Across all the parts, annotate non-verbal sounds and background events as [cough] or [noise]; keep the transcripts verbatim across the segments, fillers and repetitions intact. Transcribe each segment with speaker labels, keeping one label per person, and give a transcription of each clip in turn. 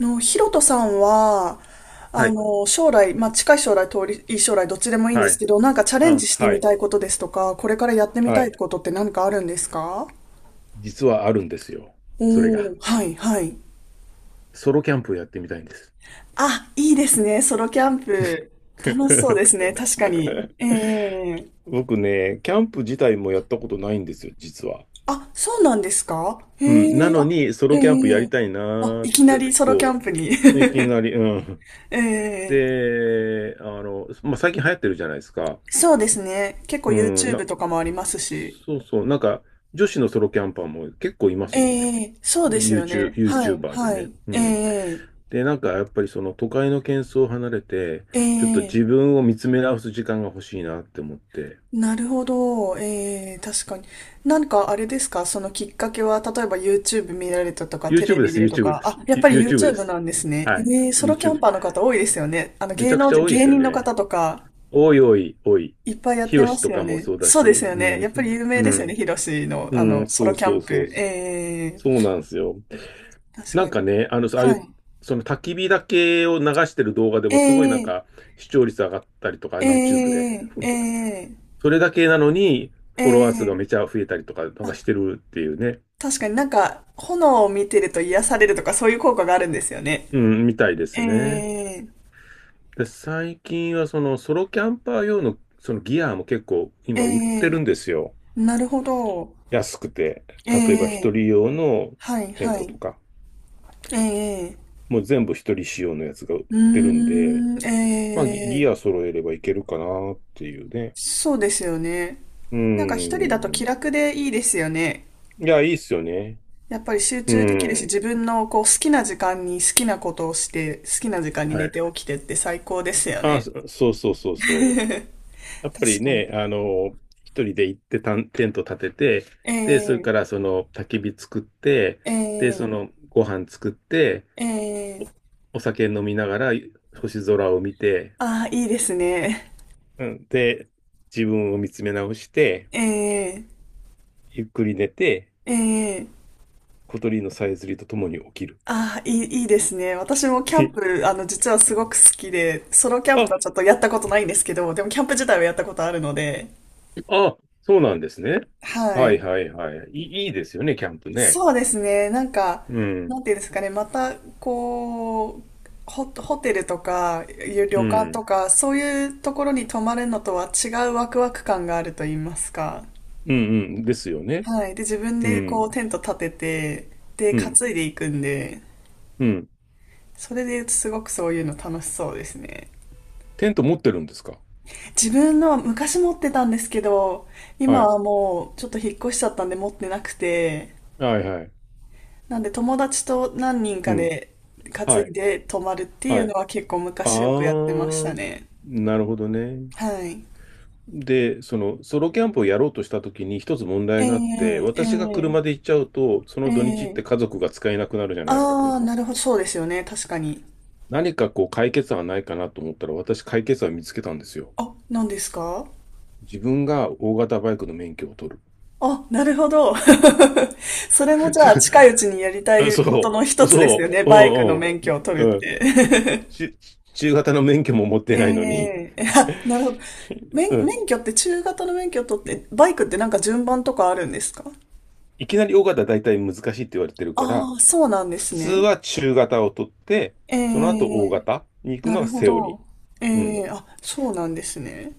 Speaker 1: の、ヒロトさんは、
Speaker 2: は
Speaker 1: あ
Speaker 2: い、
Speaker 1: の、将来、まあ、近い将来、遠い将来、どっちでもいいんで
Speaker 2: は
Speaker 1: す
Speaker 2: い、
Speaker 1: けど、なんかチャレン
Speaker 2: あ
Speaker 1: ジして
Speaker 2: は
Speaker 1: み
Speaker 2: い、
Speaker 1: たいことですとか、これからやってみ
Speaker 2: は
Speaker 1: たい
Speaker 2: い。
Speaker 1: ことって何かあるんですか？
Speaker 2: 実はあるんですよ。それ
Speaker 1: お
Speaker 2: が。
Speaker 1: ー、はい、はい。
Speaker 2: ソロキャンプをやってみたいんです。
Speaker 1: あ、いいですね、ソロキャンプ。楽しそうです
Speaker 2: [laughs]
Speaker 1: ね、確かに。ええ、
Speaker 2: 僕ね、キャンプ自体もやったことないんですよ、実は。
Speaker 1: あ、そうなんですか？え
Speaker 2: うん、な
Speaker 1: え、
Speaker 2: の
Speaker 1: あ、
Speaker 2: に、ソ
Speaker 1: え
Speaker 2: ロキャンプやり
Speaker 1: え、
Speaker 2: たいな
Speaker 1: あ、
Speaker 2: ー
Speaker 1: い
Speaker 2: っ
Speaker 1: きな
Speaker 2: て、
Speaker 1: りソロキ
Speaker 2: こ
Speaker 1: ャンプに。
Speaker 2: う、いきなり、うん。
Speaker 1: [laughs] ええ、
Speaker 2: で、あの、まあ、最近流行ってるじゃないですか。
Speaker 1: そうですね、結構
Speaker 2: うん、な、
Speaker 1: YouTube とかもありますし。
Speaker 2: そうそう、なんか、女子のソロキャンパーも結構いますもんね。
Speaker 1: ええ、そうですよ
Speaker 2: YouTube、
Speaker 1: ね。はい、
Speaker 2: YouTuber で
Speaker 1: は
Speaker 2: ね。
Speaker 1: い。
Speaker 2: う
Speaker 1: え
Speaker 2: ん。
Speaker 1: え、
Speaker 2: で、なんかやっぱりその都会の喧騒を離れて、
Speaker 1: え
Speaker 2: ちょっと
Speaker 1: え、
Speaker 2: 自分を見つめ直す時間が欲しいなって思って、
Speaker 1: なるほど。ええ、確かに。なんかあれですか、そのきっかけは、例えば YouTube 見られたとか、テレ
Speaker 2: YouTube で
Speaker 1: ビ
Speaker 2: す、
Speaker 1: でと
Speaker 2: YouTube
Speaker 1: か。
Speaker 2: です。
Speaker 1: あ、やっぱり
Speaker 2: ユ YouTube で
Speaker 1: YouTube
Speaker 2: す。
Speaker 1: なんですね。
Speaker 2: はい、
Speaker 1: ええ、ソロキャン
Speaker 2: YouTube。
Speaker 1: パーの方多いですよね。あの、
Speaker 2: めち
Speaker 1: 芸
Speaker 2: ゃく
Speaker 1: 能
Speaker 2: ちゃ
Speaker 1: 人、
Speaker 2: 多いで
Speaker 1: 芸
Speaker 2: すよ
Speaker 1: 人の
Speaker 2: ね。
Speaker 1: 方とか、
Speaker 2: 多い多い多い。
Speaker 1: いっぱいやっ
Speaker 2: ヒ
Speaker 1: て
Speaker 2: ロ
Speaker 1: ま
Speaker 2: シ
Speaker 1: す
Speaker 2: と
Speaker 1: よ
Speaker 2: かも
Speaker 1: ね。
Speaker 2: そうだ
Speaker 1: そう
Speaker 2: し、
Speaker 1: ですよ
Speaker 2: う
Speaker 1: ね。やっぱり
Speaker 2: ん、
Speaker 1: 有名
Speaker 2: う
Speaker 1: ですよね。
Speaker 2: ん、
Speaker 1: ヒロシの、
Speaker 2: う
Speaker 1: あ
Speaker 2: ん、
Speaker 1: の、ソ
Speaker 2: そ
Speaker 1: ロ
Speaker 2: う
Speaker 1: キャ
Speaker 2: そ
Speaker 1: ン
Speaker 2: うそう、
Speaker 1: プ。ええ、
Speaker 2: そうなんですよ。
Speaker 1: 確
Speaker 2: な
Speaker 1: か
Speaker 2: ん
Speaker 1: に。
Speaker 2: かね、あの、ああい
Speaker 1: は
Speaker 2: う、
Speaker 1: い。
Speaker 2: その焚き火だけを流してる動画で
Speaker 1: え
Speaker 2: もすごいなん
Speaker 1: え、
Speaker 2: か視聴率上がったりとか、
Speaker 1: え
Speaker 2: YouTube で。
Speaker 1: え、ええ、
Speaker 2: それだけなのに、
Speaker 1: え
Speaker 2: フォロワー数が
Speaker 1: え、
Speaker 2: めちゃ増えたりとか、なんか
Speaker 1: あ、
Speaker 2: してるっていうね。
Speaker 1: 確かになんか、炎を見てると癒されるとかそういう効果があるんですよね。
Speaker 2: うん、みたいです
Speaker 1: え
Speaker 2: ね。
Speaker 1: え、
Speaker 2: で、最近はそのソロキャンパー用のそのギアも結構
Speaker 1: え
Speaker 2: 今売って
Speaker 1: え、
Speaker 2: るんですよ。
Speaker 1: なるほど。
Speaker 2: 安くて。
Speaker 1: え
Speaker 2: 例えば一
Speaker 1: え、
Speaker 2: 人用の
Speaker 1: はい、
Speaker 2: テン
Speaker 1: は
Speaker 2: ト
Speaker 1: い。
Speaker 2: とか、
Speaker 1: ええ、
Speaker 2: もう全部一人仕様のやつが売っ
Speaker 1: うー
Speaker 2: てるんで、
Speaker 1: ん、
Speaker 2: まあギ、ギ
Speaker 1: ええ、
Speaker 2: ア揃えればいけるかなっていうね。
Speaker 1: そうですよね。
Speaker 2: う
Speaker 1: なんか一人だと
Speaker 2: ん。
Speaker 1: 気
Speaker 2: い
Speaker 1: 楽でいいですよね。
Speaker 2: や、いいっすよね。
Speaker 1: やっぱり集
Speaker 2: う
Speaker 1: 中できるし、
Speaker 2: ん。
Speaker 1: 自分のこう好きな時間に好きなことをして、好きな時間に
Speaker 2: は
Speaker 1: 寝
Speaker 2: い。
Speaker 1: て起きてって最高ですよ
Speaker 2: あ、
Speaker 1: ね。
Speaker 2: そそうそうそうそう。やっぱり
Speaker 1: 確かに。
Speaker 2: ね、あの、一人で行ってたんテント立てて、
Speaker 1: え
Speaker 2: で、それか
Speaker 1: え、
Speaker 2: らその焚き火作って、で、
Speaker 1: え
Speaker 2: そ
Speaker 1: え、
Speaker 2: のご飯作って、
Speaker 1: ええ、
Speaker 2: お、お酒飲みながら星空を見て、
Speaker 1: ああー、いいですね。
Speaker 2: うん、で、自分を見つめ直して、
Speaker 1: ええ、
Speaker 2: ゆっくり寝て、
Speaker 1: ええ、
Speaker 2: 小鳥のさえずりとともに起きる。
Speaker 1: ああ、いい、いいですね。私もキャンプ、
Speaker 2: [laughs]
Speaker 1: あの、実はすごく好きで、ソロキャン
Speaker 2: あ、
Speaker 1: プはちょっとやったことないんですけど、でもキャンプ自体はやったことあるので、
Speaker 2: あ、そうなんですね。
Speaker 1: は
Speaker 2: はい
Speaker 1: い。
Speaker 2: はいはい。いい、いいですよね、キャンプね。
Speaker 1: そうですね。なんか、
Speaker 2: うん、
Speaker 1: なんていうんですかね。また、こう、ホ、ホテルとか、旅
Speaker 2: う
Speaker 1: 館と
Speaker 2: ん、
Speaker 1: か、そういうところに泊まるのとは違うワクワク感があると言いますか。
Speaker 2: うん、うん、ですよね。
Speaker 1: はい。で、自分
Speaker 2: う
Speaker 1: でこ
Speaker 2: ん、
Speaker 1: う、テント立てて、で、
Speaker 2: う
Speaker 1: 担
Speaker 2: ん、
Speaker 1: いでいくんで、
Speaker 2: うん。
Speaker 1: それで言うとすごくそういうの楽しそうですね。
Speaker 2: テント持ってるんですか？
Speaker 1: 自分のは昔持ってたんですけど、
Speaker 2: は
Speaker 1: 今
Speaker 2: い。
Speaker 1: はもうちょっと引っ越しちゃったんで持ってなくて、
Speaker 2: はいはい。
Speaker 1: なんで友達と何人
Speaker 2: う
Speaker 1: か
Speaker 2: ん。
Speaker 1: で担
Speaker 2: は
Speaker 1: い
Speaker 2: い。
Speaker 1: で泊まるってい
Speaker 2: は
Speaker 1: うの
Speaker 2: い。
Speaker 1: は結構
Speaker 2: あ
Speaker 1: 昔よくやってました
Speaker 2: ー、
Speaker 1: ね。
Speaker 2: なるほどね。
Speaker 1: はい。
Speaker 2: で、その、ソロキャンプをやろうとしたときに一つ問題があって、
Speaker 1: ええ、
Speaker 2: 私が
Speaker 1: ええ、
Speaker 2: 車で行っちゃうと、その土日っ
Speaker 1: ええ、
Speaker 2: て家族が使えなくなるじゃないですか、
Speaker 1: ああー、
Speaker 2: 車。
Speaker 1: なるほど、そうですよね、確かに。
Speaker 2: 何かこう解決案ないかなと思ったら、私解決案見つけたんですよ。
Speaker 1: あ、何ですか？
Speaker 2: 自分が大型バイクの免許を取る。
Speaker 1: あ、なるほど。[laughs] それもじゃあ近いうちにやりた
Speaker 2: [laughs]
Speaker 1: い
Speaker 2: そ
Speaker 1: ことの一
Speaker 2: う、
Speaker 1: つです
Speaker 2: そ
Speaker 1: よね。
Speaker 2: う、う
Speaker 1: バイクの免許を
Speaker 2: ん
Speaker 1: 取
Speaker 2: う
Speaker 1: る
Speaker 2: ん、
Speaker 1: っ
Speaker 2: うん。
Speaker 1: て。
Speaker 2: ち中型の免許も持っ
Speaker 1: [laughs]
Speaker 2: てないのに、
Speaker 1: ええ、あ、なるほど。
Speaker 2: う
Speaker 1: 免、
Speaker 2: ん、
Speaker 1: 免許って中型の免許を取って、バイクってなんか順番とかあるんですか？
Speaker 2: いきなり大型は大体難しいって言われてるから、
Speaker 1: ああ、そうなんで
Speaker 2: 普
Speaker 1: す
Speaker 2: 通
Speaker 1: ね。
Speaker 2: は中型を取って、
Speaker 1: え
Speaker 2: その後大
Speaker 1: え、
Speaker 2: 型に行く
Speaker 1: な
Speaker 2: のが
Speaker 1: るほ
Speaker 2: セオリ
Speaker 1: ど。
Speaker 2: ー。う
Speaker 1: え
Speaker 2: ん。
Speaker 1: え、あ、そうなんですね。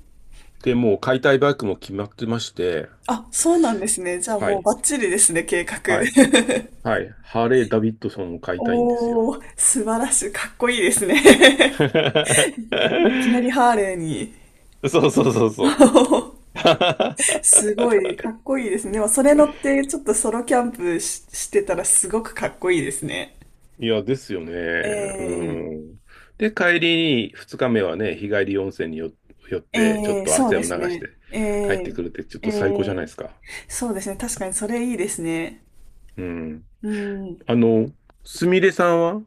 Speaker 2: で、もう買いたいバイクも決まってまして、
Speaker 1: あ、そうなんですね。じゃあ
Speaker 2: は
Speaker 1: もう
Speaker 2: い、
Speaker 1: バッチリですね、計画。
Speaker 2: はい、
Speaker 1: [laughs]
Speaker 2: はい。ハーレー・ダビッドソンを買いたいんですよ。
Speaker 1: おー、素晴らしい。かっこいいですね。
Speaker 2: [laughs]
Speaker 1: [laughs] いきなりハーレーに。
Speaker 2: そうそうそうそう。[laughs]
Speaker 1: [laughs] すごい、かっこいいですね。でも、それ乗って、ちょっとソロキャンプし、してたらすごくかっこいいですね。
Speaker 2: いや、ですよね。う
Speaker 1: ええ、
Speaker 2: ん。で、帰りにふつかめはね、日帰り温泉によ寄って、ちょっ
Speaker 1: ええ、
Speaker 2: と
Speaker 1: そう
Speaker 2: 汗
Speaker 1: で
Speaker 2: を流
Speaker 1: す
Speaker 2: し
Speaker 1: ね。
Speaker 2: て
Speaker 1: え
Speaker 2: 帰って
Speaker 1: え、
Speaker 2: くるって、ちょっ
Speaker 1: え
Speaker 2: と最高じゃな
Speaker 1: え、
Speaker 2: いですか。
Speaker 1: そうですね。確かにそれいいですね。
Speaker 2: うん。
Speaker 1: うん。
Speaker 2: あの、すみれさんは、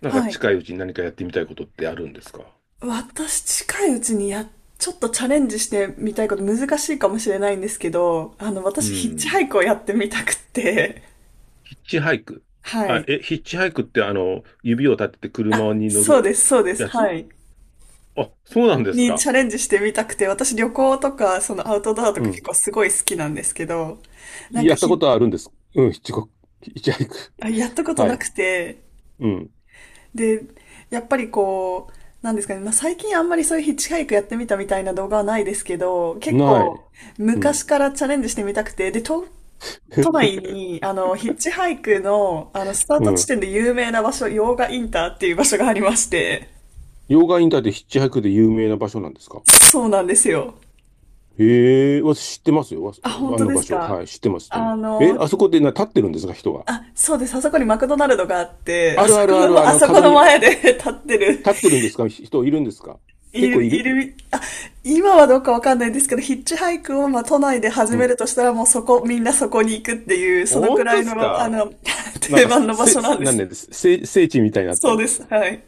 Speaker 2: なんか
Speaker 1: はい。
Speaker 2: 近いうちに何かやってみたいことってあるんですか？
Speaker 1: 私、近いうちにや、ちょっとチャレンジしてみたいこと難しいかもしれないんですけど、あの、
Speaker 2: う
Speaker 1: 私、ヒッチ
Speaker 2: ん。
Speaker 1: ハイクをやってみたくって、
Speaker 2: ヒッチハイク。
Speaker 1: [laughs] は
Speaker 2: あ、
Speaker 1: い。
Speaker 2: え、ヒッチハイクってあの、指を立てて車
Speaker 1: あ、
Speaker 2: に乗
Speaker 1: そ
Speaker 2: る
Speaker 1: うです、そうです、
Speaker 2: や
Speaker 1: は
Speaker 2: つ？
Speaker 1: い。
Speaker 2: あ、そうなんです
Speaker 1: に
Speaker 2: か。
Speaker 1: チャレンジしてみたくて、私旅行とか、そのアウトドアと
Speaker 2: う
Speaker 1: か結
Speaker 2: ん。
Speaker 1: 構すごい好きなんですけど、なんか
Speaker 2: やったこ
Speaker 1: ひ、
Speaker 2: とはあるんです。うん、ヒッチコヒッチハイク。
Speaker 1: あ、やったこと
Speaker 2: は
Speaker 1: な
Speaker 2: い。
Speaker 1: くて、
Speaker 2: うん。
Speaker 1: で、やっぱりこう、なんですかね、まあ、最近あんまりそういうヒッチハイクやってみたみたいな動画はないですけど、結
Speaker 2: ない。
Speaker 1: 構
Speaker 2: う
Speaker 1: 昔
Speaker 2: ん。
Speaker 1: からチャレンジしてみたくて、で、都、都内に、あの、ヒッチハイクの、あの、スター
Speaker 2: う
Speaker 1: ト地
Speaker 2: ん。
Speaker 1: 点で有名な場所、用賀インターっていう場所がありまして、
Speaker 2: 溶岩インターってヒッチハイクで有名な場所なんですか？
Speaker 1: そうなんですよ。
Speaker 2: へえ、私知ってますよ。わ
Speaker 1: あ、本
Speaker 2: あ
Speaker 1: 当
Speaker 2: の
Speaker 1: で
Speaker 2: 場
Speaker 1: す
Speaker 2: 所。はい、
Speaker 1: か？
Speaker 2: 知ってます、知ってま
Speaker 1: あ
Speaker 2: す。え、
Speaker 1: の、
Speaker 2: あそこでな、立ってるんですか、人が。
Speaker 1: あ、そうです。あそこにマクドナルドがあって、あ
Speaker 2: ある
Speaker 1: そ
Speaker 2: あ
Speaker 1: こ
Speaker 2: るある、
Speaker 1: の、
Speaker 2: あ
Speaker 1: あ
Speaker 2: の、
Speaker 1: そこ
Speaker 2: 角
Speaker 1: の
Speaker 2: に
Speaker 1: 前で [laughs] 立ってる、
Speaker 2: 立ってるんですか？人いるんですか？
Speaker 1: い
Speaker 2: 結構
Speaker 1: る、
Speaker 2: い
Speaker 1: い
Speaker 2: る？
Speaker 1: る、あ、今はどうかわかんないんですけど、ヒッチハイクを、まあ、都内で始
Speaker 2: う
Speaker 1: め
Speaker 2: ん。
Speaker 1: るとしたら、もうそこ、みんなそこに行くっていう、そのく
Speaker 2: 本
Speaker 1: ら
Speaker 2: 当
Speaker 1: い
Speaker 2: です
Speaker 1: の、あ
Speaker 2: か？
Speaker 1: の、[laughs]
Speaker 2: なん
Speaker 1: 定
Speaker 2: か、
Speaker 1: 番の場
Speaker 2: せ、
Speaker 1: 所なん
Speaker 2: せ
Speaker 1: で
Speaker 2: なん
Speaker 1: す。
Speaker 2: でです聖、聖地みたいになって
Speaker 1: そう
Speaker 2: んで
Speaker 1: で
Speaker 2: す
Speaker 1: す。
Speaker 2: か？
Speaker 1: はい。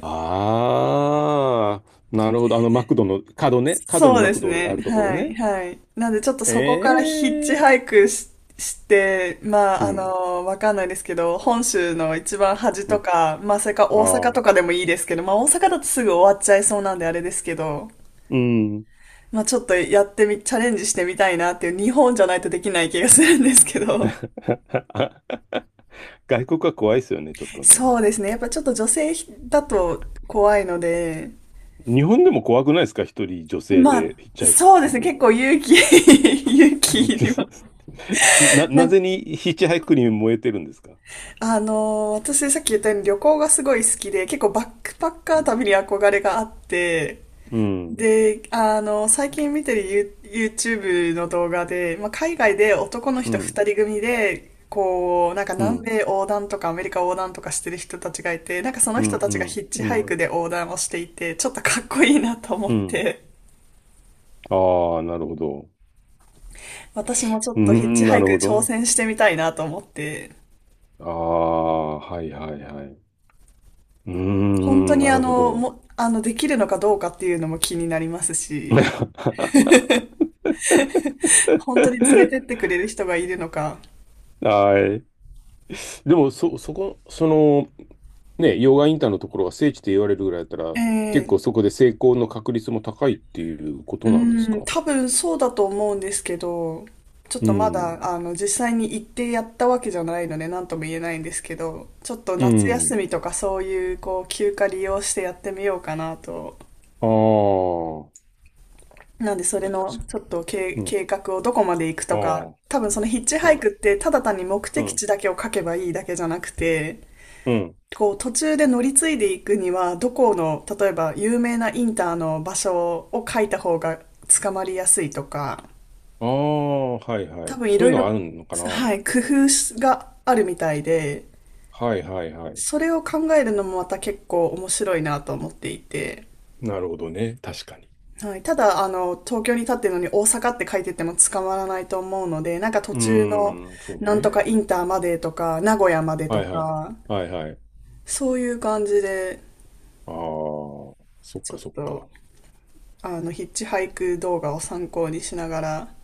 Speaker 2: ああ、なるほど。あの、マクドの角ね。角に
Speaker 1: そう
Speaker 2: マ
Speaker 1: で
Speaker 2: ク
Speaker 1: す
Speaker 2: ドがあ
Speaker 1: ね。
Speaker 2: るところ
Speaker 1: は
Speaker 2: ね。
Speaker 1: い、はい。なんでちょっとそこから
Speaker 2: え
Speaker 1: ヒッチ
Speaker 2: え、
Speaker 1: ハイクし、して、まあ、
Speaker 2: う
Speaker 1: あ
Speaker 2: ん。
Speaker 1: の、わかんないですけど、本州の一番端
Speaker 2: う
Speaker 1: と
Speaker 2: ん。
Speaker 1: か、まあ、それか大阪
Speaker 2: ああ。
Speaker 1: とかでもいいですけど、まあ、大阪だとすぐ終わっちゃいそうなんであれですけど、
Speaker 2: うん。
Speaker 1: まあ、ちょっとやってみ、チャレンジしてみたいなっていう、日本じゃないとできない気がするんですけど。
Speaker 2: [laughs] 外国は怖いですよね、ちょっとね。
Speaker 1: そうですね。やっぱちょっと女性だと怖いので、
Speaker 2: 日本でも怖くないですか？一人女性
Speaker 1: まあ、
Speaker 2: でヒッチハイク
Speaker 1: そうで
Speaker 2: す
Speaker 1: すね。
Speaker 2: るの。
Speaker 1: 結構勇気 [laughs] 勇気いります。
Speaker 2: [laughs] な、
Speaker 1: な
Speaker 2: な
Speaker 1: んか
Speaker 2: ぜにヒッチハイクに燃えてるんですか？
Speaker 1: あのー、私さっき言ったように旅行がすごい好きで、結構バックパッカ
Speaker 2: う
Speaker 1: ー
Speaker 2: ん。
Speaker 1: 旅に憧れがあって、
Speaker 2: うん
Speaker 1: で、あのー、最近見てる You- YouTube の動画で、まあ、海外で男の
Speaker 2: う
Speaker 1: 人二
Speaker 2: ん、
Speaker 1: 人組で、こう、なんか
Speaker 2: う
Speaker 1: 南
Speaker 2: ん、
Speaker 1: 米横断とかアメリカ横断とかしてる人たちがいて、なんかその
Speaker 2: うん、
Speaker 1: 人た
Speaker 2: う
Speaker 1: ちがヒ
Speaker 2: ん、
Speaker 1: ッチ
Speaker 2: う
Speaker 1: ハイク
Speaker 2: ん、
Speaker 1: で横断をしていて、ちょっとかっこいいなと思っ
Speaker 2: うん。
Speaker 1: て、
Speaker 2: ああ、なるほど。
Speaker 1: 私もちょ
Speaker 2: う
Speaker 1: っ
Speaker 2: ー
Speaker 1: とヒッチ
Speaker 2: ん、
Speaker 1: ハ
Speaker 2: な
Speaker 1: イ
Speaker 2: る
Speaker 1: ク
Speaker 2: ほ
Speaker 1: 挑
Speaker 2: ど。
Speaker 1: 戦してみたいなと思って、
Speaker 2: ああ、はいはいはい。うー
Speaker 1: 本当
Speaker 2: ん、
Speaker 1: に
Speaker 2: な
Speaker 1: あ
Speaker 2: るほ
Speaker 1: の、
Speaker 2: ど。
Speaker 1: も、あの、できるのかどうかっていうのも気になりますし、
Speaker 2: [laughs]
Speaker 1: 本当に連れてってくれる人がいるのか。
Speaker 2: はい。でも、そ、そこ、その、ね、溶岩インターのところが聖地って言われるぐらいだったら、
Speaker 1: え
Speaker 2: 結
Speaker 1: え、
Speaker 2: 構そこで成功の確率も高いっていうこ
Speaker 1: う
Speaker 2: となんです
Speaker 1: ん、
Speaker 2: か？
Speaker 1: 多分そうだと思うんですけど、ちょっ
Speaker 2: う
Speaker 1: とま
Speaker 2: ん。
Speaker 1: だ、あの、実際に行ってやったわけじゃないので、なんとも言えないんですけど、ちょっと
Speaker 2: う
Speaker 1: 夏休
Speaker 2: ん。
Speaker 1: みとかそういう、こう、休暇利用してやってみようかなと。
Speaker 2: あ
Speaker 1: なんで、それ
Speaker 2: あ。
Speaker 1: の、
Speaker 2: ち
Speaker 1: ちょっと計、
Speaker 2: うん。
Speaker 1: 計画をどこまで行く
Speaker 2: あ
Speaker 1: とか、
Speaker 2: あ。
Speaker 1: 多分そのヒッチ
Speaker 2: う
Speaker 1: ハイ
Speaker 2: ん。
Speaker 1: クって、ただ単に目
Speaker 2: う
Speaker 1: 的
Speaker 2: ん。
Speaker 1: 地だけを書けばいいだけじゃなくて、
Speaker 2: うん。
Speaker 1: こう途中で乗り継いでいくにはどこの例えば有名なインターの場所を書いた方が捕まりやすいとか、
Speaker 2: ああ、はいは
Speaker 1: 多
Speaker 2: い。
Speaker 1: 分い
Speaker 2: そう
Speaker 1: ろ
Speaker 2: いう
Speaker 1: い
Speaker 2: の
Speaker 1: ろ、
Speaker 2: あるのかな。
Speaker 1: は
Speaker 2: は
Speaker 1: い、工夫があるみたいで、
Speaker 2: いはいはい。
Speaker 1: それを考えるのもまた結構面白いなと思っていて、
Speaker 2: なるほどね。確かに。
Speaker 1: はい、ただあの東京に立ってるのに大阪って書いてても捕まらないと思うので、なんか途
Speaker 2: うー
Speaker 1: 中の
Speaker 2: ん、そう
Speaker 1: なんと
Speaker 2: ね。
Speaker 1: かインターまでとか名古屋までと
Speaker 2: はいはい。
Speaker 1: か、
Speaker 2: はいはい。
Speaker 1: そういう感じで
Speaker 2: ああ、そっ
Speaker 1: ち
Speaker 2: か
Speaker 1: ょっ
Speaker 2: そっ
Speaker 1: と
Speaker 2: か。
Speaker 1: あの、ヒッチハイク動画を参考にしながら、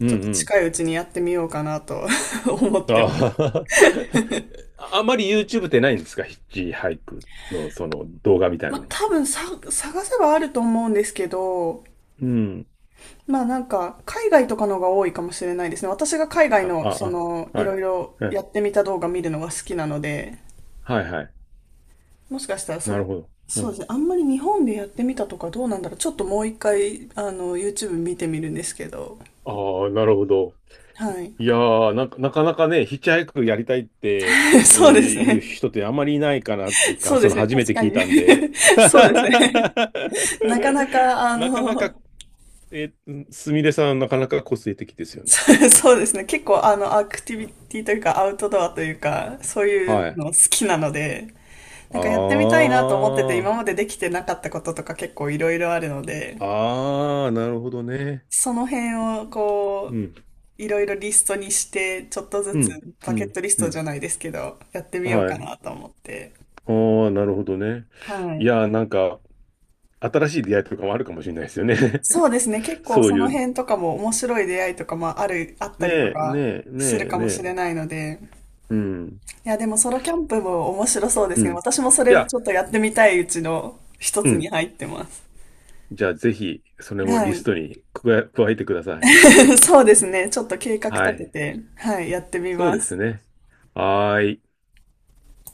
Speaker 2: うん
Speaker 1: ちょっと
Speaker 2: うん。
Speaker 1: 近いうちにやってみようかなと [laughs] 思ってます。
Speaker 2: ああ、[laughs] あまり YouTube ってないんですか？ヒッチハイクのその動画みたい
Speaker 1: ま
Speaker 2: な
Speaker 1: あ、
Speaker 2: の。
Speaker 1: 多分さ、探せばあると思うんですけど、
Speaker 2: うん。
Speaker 1: まあなんか、海外とかのが多いかもしれないですね。私が海外
Speaker 2: あ、
Speaker 1: の、
Speaker 2: あ、
Speaker 1: その、
Speaker 2: あ、
Speaker 1: い
Speaker 2: は
Speaker 1: ろ
Speaker 2: い。
Speaker 1: いろ
Speaker 2: は
Speaker 1: や
Speaker 2: い
Speaker 1: ってみた動画見るのが好きなので、
Speaker 2: はいはい。
Speaker 1: もしかしたら
Speaker 2: な
Speaker 1: そ、
Speaker 2: るほど。う
Speaker 1: そうです
Speaker 2: ん。
Speaker 1: ね。あんまり日本でやってみたとかどうなんだろう。ちょっともう一回、あの、YouTube 見てみるんですけど。
Speaker 2: ああ、なるほど。
Speaker 1: はい。
Speaker 2: いやー、なんか、[laughs] なかなかね、ヒッチハイクやりたいって、
Speaker 1: [laughs]
Speaker 2: え
Speaker 1: そうで
Speaker 2: ー
Speaker 1: す
Speaker 2: いう
Speaker 1: ね。
Speaker 2: 人ってあんまりいないかな、つうか、
Speaker 1: そう
Speaker 2: そ
Speaker 1: です
Speaker 2: の
Speaker 1: ね。
Speaker 2: 初め
Speaker 1: 確
Speaker 2: て
Speaker 1: か
Speaker 2: 聞い
Speaker 1: に。
Speaker 2: たんで。[laughs]
Speaker 1: [laughs] そうですね。なかなか、あ
Speaker 2: なかなか、
Speaker 1: の、
Speaker 2: えー、すみれさん、なかなか個性的ですよ
Speaker 1: [laughs]
Speaker 2: ね。
Speaker 1: そうそうですね。結構、あの、アクティビティというか、アウトドアというか、そうい
Speaker 2: は
Speaker 1: う
Speaker 2: い。
Speaker 1: の好きなので、なんかやってみたいなと思ってて、
Speaker 2: あ
Speaker 1: 今までできてなかったこととか結構いろいろあるので、
Speaker 2: あ、ああ、なるほどね。
Speaker 1: その辺を
Speaker 2: う
Speaker 1: こ
Speaker 2: ん、
Speaker 1: う、いろいろリストにして、ちょっとず
Speaker 2: う
Speaker 1: つ
Speaker 2: ん、う
Speaker 1: バケッ
Speaker 2: ん、
Speaker 1: トリス
Speaker 2: う
Speaker 1: トじ
Speaker 2: ん。
Speaker 1: ゃないですけど、やってみよう
Speaker 2: は
Speaker 1: か
Speaker 2: い。
Speaker 1: なと思って。
Speaker 2: ああ、なるほどね。
Speaker 1: は
Speaker 2: い
Speaker 1: い。
Speaker 2: やー、なんか、新しい出会いとかもあるかもしれないですよね。
Speaker 1: そうですね。結
Speaker 2: [laughs]
Speaker 1: 構
Speaker 2: そう
Speaker 1: そ
Speaker 2: い
Speaker 1: の
Speaker 2: う、
Speaker 1: 辺とかも面白い出会いとかもある、あったりと
Speaker 2: ねえ、
Speaker 1: か
Speaker 2: ねえ、ね
Speaker 1: する
Speaker 2: え、
Speaker 1: か
Speaker 2: ね
Speaker 1: もしれ
Speaker 2: え。
Speaker 1: ないので、
Speaker 2: うん。
Speaker 1: いや、でもソロキャンプも面白そうで
Speaker 2: う
Speaker 1: すね。
Speaker 2: ん。
Speaker 1: 私もそ
Speaker 2: い
Speaker 1: れ
Speaker 2: や、
Speaker 1: ちょっとやってみたいうちの一
Speaker 2: う
Speaker 1: つに
Speaker 2: ん。
Speaker 1: 入ってます。
Speaker 2: じゃあぜひ、それも
Speaker 1: は
Speaker 2: リス
Speaker 1: い。
Speaker 2: トに加え、加えてください。
Speaker 1: [laughs] そうですね。ちょっと計画
Speaker 2: は
Speaker 1: 立て
Speaker 2: い。
Speaker 1: て、はい、やってみ
Speaker 2: そう
Speaker 1: ま
Speaker 2: です
Speaker 1: す。
Speaker 2: ね。はーい。